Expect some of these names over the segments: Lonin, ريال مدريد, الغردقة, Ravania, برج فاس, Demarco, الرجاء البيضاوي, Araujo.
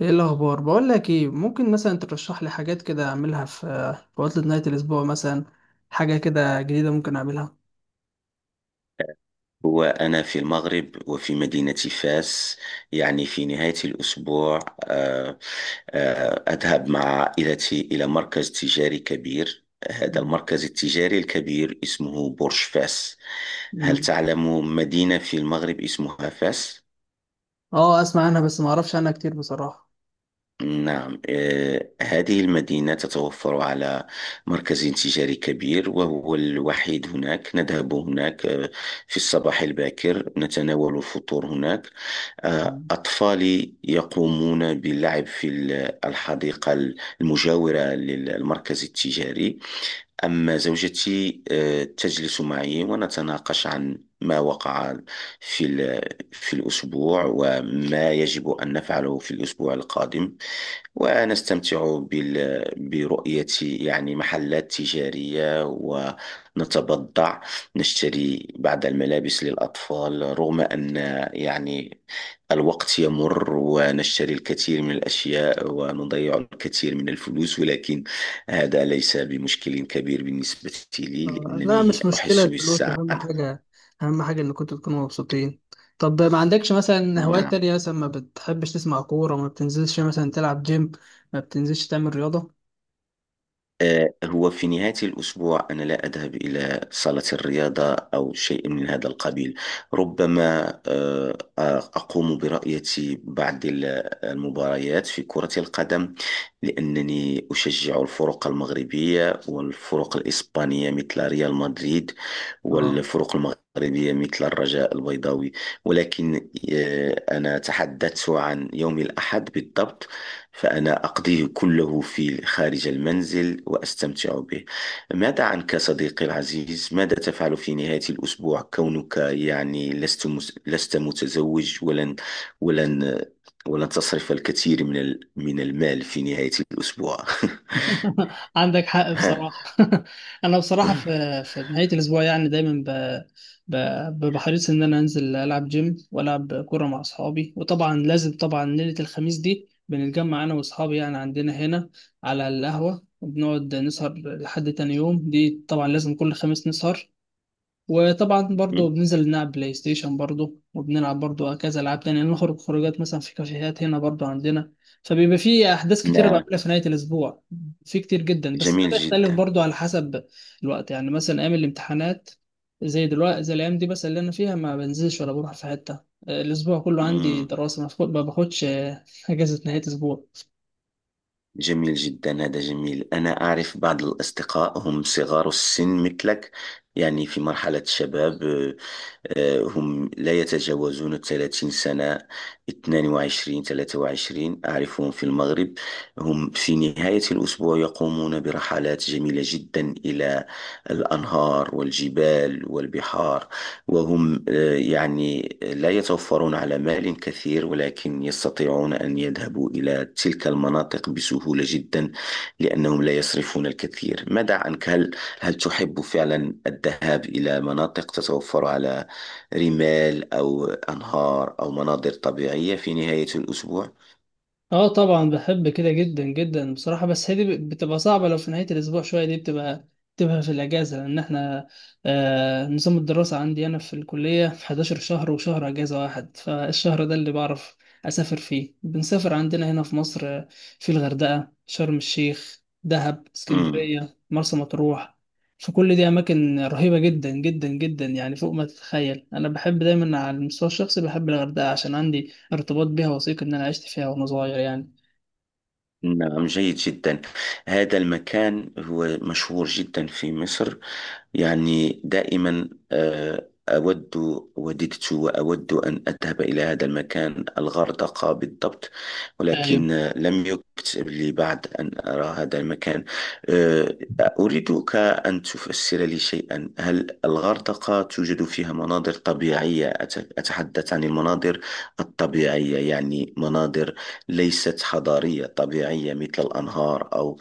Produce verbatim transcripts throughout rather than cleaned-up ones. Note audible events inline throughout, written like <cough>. ايه الاخبار؟ بقول لك ايه، ممكن مثلا ترشح لي حاجات كده اعملها في في عطلة نهاية الاسبوع مثلا. حاجة كده جديدة ممكن اعملها. وأنا في المغرب وفي مدينة فاس، يعني في نهاية الأسبوع. آه، آه، أذهب مع عائلتي إلى مركز تجاري كبير. هذا مم. المركز التجاري الكبير اسمه برج فاس. هل مم. تعلم مدينة في المغرب اسمها فاس؟ اه، اسمع عنها بس ما اعرفش عنها كتير بصراحة. نعم. آه، هذه المدينة تتوفر على مركز تجاري كبير وهو الوحيد هناك. نذهب هناك آه، في الصباح الباكر، نتناول الفطور هناك. آه، مم. أطفالي يقومون باللعب في ال- الحديقة المجاورة للمركز التجاري. أما زوجتي آه، تجلس معي ونتناقش عن ما وقع في ال- في الأسبوع، وما يجب أن نفعله في الأسبوع القادم. ونستمتع بال... برؤية يعني محلات تجارية، ونتبضع، نشتري بعض الملابس للأطفال، رغم أن، يعني، الوقت يمر ونشتري الكثير من الأشياء ونضيع الكثير من الفلوس، ولكن هذا ليس بمشكل كبير بالنسبة لي، آه، لا، لأنني مش مشكلة، أحس الفلوس أهم بالسعادة. حاجة، أهم حاجة إن كنتوا تكونوا مبسوطين. طب ما عندكش مثلا هوايات نعم. تانية؟ مثلا ما بتحبش تسمع كورة؟ ما بتنزلش مثلا تلعب جيم؟ ما بتنزلش تعمل رياضة؟ آه، هو في نهاية الأسبوع أنا لا أذهب إلى صالة الرياضة أو شيء من هذا القبيل. ربما آه، آه، أقوم برؤية بعض ال- المباريات في كرة القدم، لأنني أشجع الفرق المغربية والفرق الإسبانية مثل ريال مدريد، اه. والفرق المغربية مثل الرجاء البيضاوي. ولكن آه، أنا تحدثت عن يوم الأحد بالضبط، فأنا أقضيه كله في خارج المنزل وأستمتع به. ماذا عنك صديقي العزيز؟ ماذا تفعل في نهاية الأسبوع كونك يعني لست مس... لست متزوج، ولن ولن ولن تصرف الكثير من ال... من المال في نهاية الأسبوع؟ <laughs> <laughs> عندك حق ها. بصراحة. <laughs> أنا بصراحة في في نهاية الأسبوع يعني دايما ب... ب... بحريص إن أنا أنزل ألعب جيم وألعب كورة مع أصحابي، وطبعا لازم، طبعا ليلة الخميس دي بنتجمع أنا وأصحابي يعني عندنا هنا على القهوة وبنقعد نسهر لحد تاني يوم، دي طبعا لازم كل خميس نسهر. وطبعا برضه بننزل نلعب بلاي ستيشن برضه، وبنلعب برضه كذا العاب تانية، نخرج خروجات مثلا في كافيهات هنا برضه عندنا. فبيبقى في احداث كتيره لا، بعملها في نهايه الاسبوع، في كتير جدا، بس ده جميل بيختلف جدا. برضه على حسب الوقت. يعني مثلا ايام الامتحانات زي دلوقتي، زي الايام دي بس اللي انا فيها، ما بنزلش ولا بروح في حته. آه، الاسبوع كله عندي مم. دراسه، ما باخد- ما باخدش آه، <laughs> اجازه نهايه اسبوع. جميل جدا، هذا جميل. أنا أعرف بعض الأصدقاء، هم صغار السن مثلك، يعني في مرحلة الشباب. آه، هم لا يتجاوزون ثلاثين سنة، اتنين وعشرين، ثلاثة وعشرين، أعرفهم في المغرب. هم في نهاية الأسبوع يقومون برحلات جميلة جدا إلى الأنهار والجبال والبحار، وهم آه، يعني لا يتوفرون على مال كثير، ولكن يستطيعون أن يذهبوا إلى تلك المناطق بسهولة جدا، لأنهم لا يصرفون الكثير. ماذا عنك، هل هل تحب فعلا الذهاب إلى مناطق تتوفر على رمال أو أنهار أو مناظر طبيعية في نهاية الأسبوع؟ اه طبعا بحب كده جدا جدا بصراحة، بس هي دي بتبقى صعبة. لو في نهاية الأسبوع شوية دي بتبقى بتبقى في الأجازة. لأن احنا، آه، نظام الدراسة عندي أنا في الكلية في احداشر شهر وشهر أجازة واحد، فالشهر ده اللي بعرف أسافر فيه. بنسافر عندنا هنا في مصر، آه، في الغردقة، شرم الشيخ، دهب، مم. اسكندرية، مرسى مطروح. فكل دي أماكن رهيبة جدا جدا جدا، يعني فوق ما تتخيل. أنا بحب دايما على المستوى الشخصي بحب الغردقة عشان عندي ارتباط بيها وثيق، إن أنا عشت فيها وأنا صغير يعني. نعم، جيد جدا. هذا المكان هو مشهور جدا في مصر، يعني دائما آه، أود، وددت وأود أن أذهب إلى هذا المكان، الغردقة بالضبط، أيوة. ولكن آه، لم يكتب لي بعد أن أرى هذا المكان. آه، أريدك أن تفسر لي شيئا. هل الغردقة توجد فيها مناظر طبيعية؟ أت- أتحدث عن المناظر الطبيعية، يعني مناظر ليست حضارية، طبيعية، مثل الأنهار أو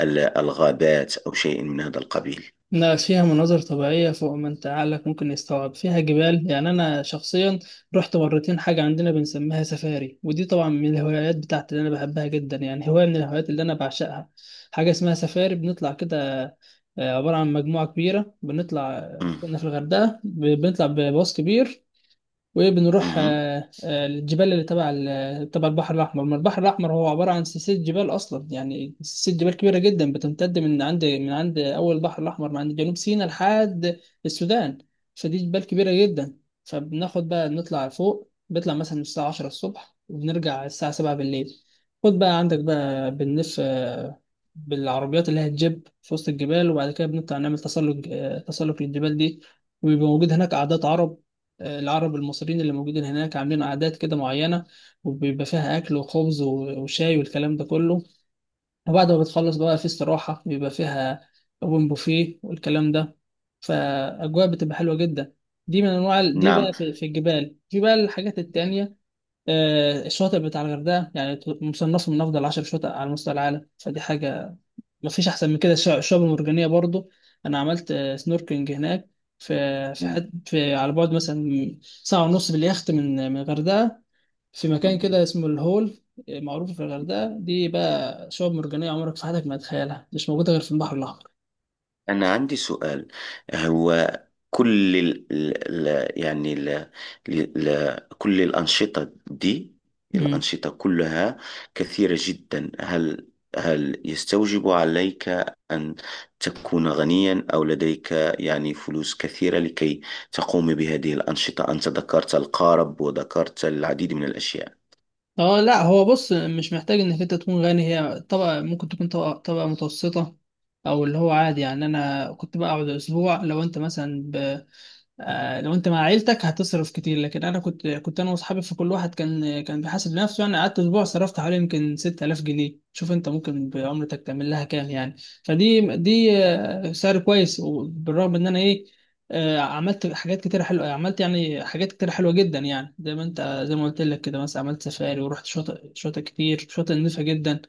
ال- الغابات أو شيء من هذا القبيل. لا، فيها مناظر طبيعية فوق ما أنت عقلك ممكن يستوعب، فيها جبال. يعني أنا شخصيا رحت مرتين حاجة عندنا بنسميها سفاري، ودي طبعا من الهوايات بتاعتي اللي أنا بحبها جدا، يعني هواية من الهوايات اللي أنا بعشقها. حاجة اسمها سفاري، بنطلع كده، آه، عبارة عن مجموعة كبيرة بنطلع. مم. كنا في الغردقة، ب- بنطلع بباص كبير وبنروح، مم. آه، آه، الجبال اللي تبع ال- تبع البحر الأحمر. ما البحر الأحمر هو عبارة عن سلسلة جبال أصلا، يعني سلسلة جبال كبيرة جدا بتمتد من عند من عند أول البحر الأحمر، من عند جنوب سيناء لحد السودان. فدي جبال كبيرة جدا. فبناخد بقى نطلع فوق، بنطلع مثلا الساعة عشرة الصبح وبنرجع الساعة سبعة بالليل. خد بقى عندك بقى، بنلف آه، بالعربيات اللي هي الجيب في وسط الجبال، وبعد كده بنطلع نعمل تسلق، آه، تسلق للجبال دي. وبيبقى موجود هناك عادات عرب، العرب المصريين اللي موجودين هناك عاملين عادات كده معينة، وبيبقى فيها أكل وخبز و- وشاي والكلام ده كله. وبعد ما بتخلص بقى في استراحة بيبقى فيها أوبن بوفيه والكلام ده، فأجواء بتبقى حلوة جدا. دي من أنواع ال- دي نعم. بقى في, في الجبال. في بقى الحاجات التانية، آه، الشواطئ بتاع الغردقة يعني ت- مصنفة من أفضل عشر شواطئ على مستوى العالم، فدي حاجة مفيش احسن من كده. الش- الشعب المرجانيه برضو، انا عملت آه، سنوركلينج هناك في في, حد في على بعد مثلا ساعه ونص باليخت من من الغردقه، في مكان مم. كده اسمه الهول. آه، معروف في الغردقه دي بقى شعب مرجانيه عمرك في حياتك ما تتخيلها، مش موجوده غير في البحر الاحمر. أنا عندي سؤال. هو كل ال ال ال- يعني ال ال ال- كل الأنشطة دي، امم. الأنشطة كلها كثيرة جدا. هل هل يستوجب عليك أن تكون غنيا، أو لديك يعني فلوس كثيرة، لكي تقوم بهذه الأنشطة؟ أنت ذكرت القارب وذكرت العديد من الأشياء. اه لا، هو بص، مش محتاج انك انت تكون غني. هي طبقه ممكن تكون طبقه طبقه متوسطه او اللي هو عادي يعني. انا كنت بقعد اسبوع. لو انت مثلا، آه، لو انت مع عيلتك هتصرف كتير، لكن انا كنت كنت انا واصحابي، فكل واحد كان كان بيحاسب نفسه يعني. قعدت اسبوع صرفت حوالي يمكن ستة آلاف جنيه، شوف انت ممكن بعمرتك تعمل لها كام يعني. فدي دي آه، سعر كويس، وبالرغم ان انا ايه، آه، عملت حاجات كتير حلوه، عملت يعني حاجات كتير حلوه جدا يعني. زي ما انت، زي ما قلت لك كده، مثلا عملت سفاري ورحت شاطئ شاطئ كتير، شاطئ نظيفه جدا.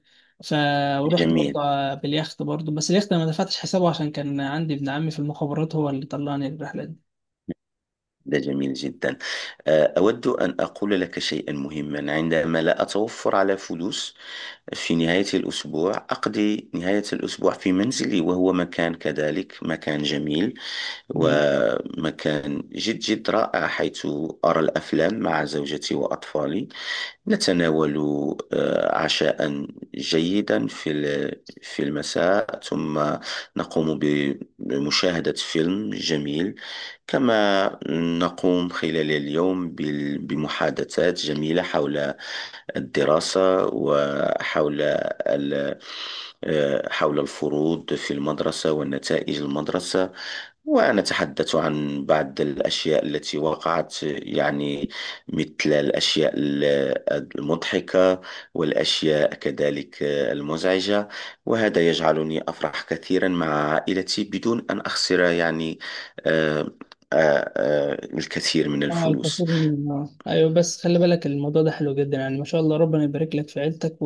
ف، ورحت برضه جميل، باليخت برضه، بس اليخت أنا ما دفعتش حسابه عشان كان عندي ابن عمي في المخابرات هو اللي طلعني الرحله دي. ده جميل جدا. أه، أود أن أقول لك شيئا مهما. عندما لا أتوفر على فلوس في نهاية الأسبوع، أقضي نهاية الأسبوع في منزلي، وهو مكان كذلك مكان جميل، مم. ومكان جد جد رائع، حيث أرى الأفلام مع زوجتي وأطفالي. نتناول آه، عشاء جيدا في ال- في المساء، ثم نقوم ب- بمشاهدة فيلم جميل. كما نقوم خلال اليوم بال- بمحادثات جميلة حول الدراسة، وحول ال- آه، حول الفروض في المدرسة ونتائج المدرسة، ونتحدث عن بعض الأشياء التي وقعت، يعني مثل الأشياء ال- المضحكة، والأشياء كذلك آه، المزعجة. وهذا يجعلني أفرح كثيرا مع عائلتي، بدون أن أخسر يعني آه، آه، آه، الكثير من اه الفلوس. الفصيل. آه. ايوه بس خلي بالك، الموضوع ده حلو جدا، يعني ما شاء الله ربنا يبارك لك في عيلتك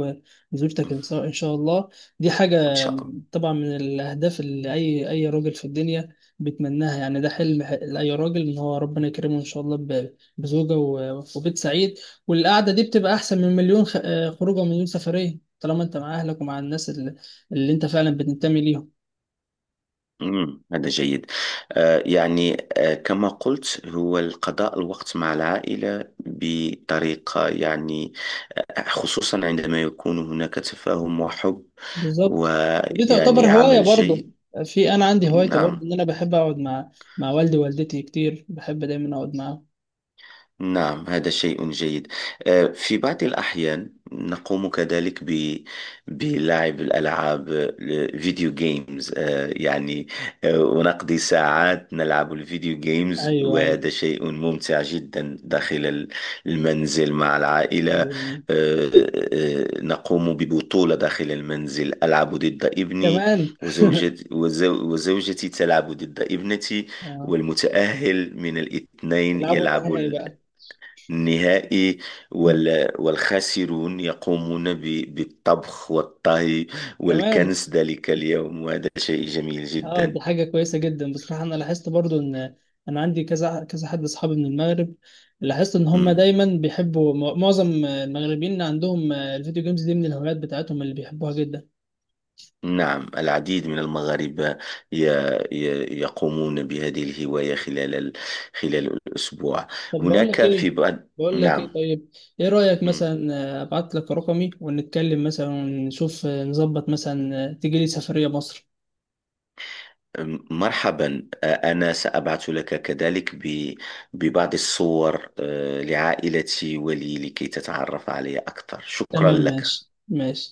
وزوجتك ان شاء إن شاء الله. دي حاجه إن شاء الله. طبعا من الاهداف اللي اي اي راجل في الدنيا بيتمناها، يعني ده حلم ح- لاي راجل ان هو ربنا يكرمه ان شاء الله ب- بزوجه و- وبيت سعيد. والقعده دي بتبقى احسن من مليون خ- آه، خروجه ومليون سفريه طالما انت مع اهلك ومع الناس اللي, اللي انت فعلا بتنتمي ليهم. مم، هذا جيد. آه، يعني آه، كما قلت، هو القضاء الوقت مع العائلة بطريقة يعني آه، خصوصا عندما يكون هناك تفاهم وحب، بالظبط. ودي تعتبر ويعني هواية عمل برضه. جيد. في أنا عندي هوايتي نعم. برضه، إن أنا بحب أقعد مع، مع والدي ووالدتي كتير، بحب دايما أقعد معاهم. نعم، هذا شيء جيد. آه، في بعض الأحيان نقوم كذلك ب... بلعب الألعاب، الفيديو جيمز، آه، يعني آه، ونقضي ساعات نلعب الفيديو جيمز، أيوه، أيوه. وهذا شيء ممتع جدا داخل ال- المنزل مع العائلة. آه، أيوه. آه، نقوم ببطولة داخل المنزل، ألعب ضد ابني كمان. وزوجتي، وزو... وزوجتي تلعب ضد ابنتي، آه. والمتأهل من الاثنين يلعبوا يلعب النهائي بقى. نهائي، وال- والخاسرون يقومون ب- بالطبخ والطهي كمان. والكنس ذلك اليوم، وهذا شيء جميل اه جدا. دي حاجة كويسة جدا بصراحة. أنا لاحظت برضو إن أنا عندي كذا كذا حد أصحابي من المغرب، لاحظت إن هم مم. دايما بيحبوا، معظم المغربيين عندهم الفيديو جيمز دي من الهوايات بتاعتهم اللي بيحبوها جدا. نعم، العديد من المغاربة ي- ي- يقومون بهذه الهواية خلال ال- خلال الأسبوع. طب بقول لك هناك ايه، في بعض. بقول لك نعم. ايه طيب، ايه رأيك مم. مثلا، آه، ابعت لك رقمي ونتكلم مثلا ونشوف آه، نظبط مثلا آه، تيجي لي سفرية مصر. مرحبا. آه، أنا سأبعث لك كذلك ب- ببعض الصور آه، لعائلتي ولي، لكي تتعرف علي أكثر. شكرا تمام، لك. ماشي ماشي.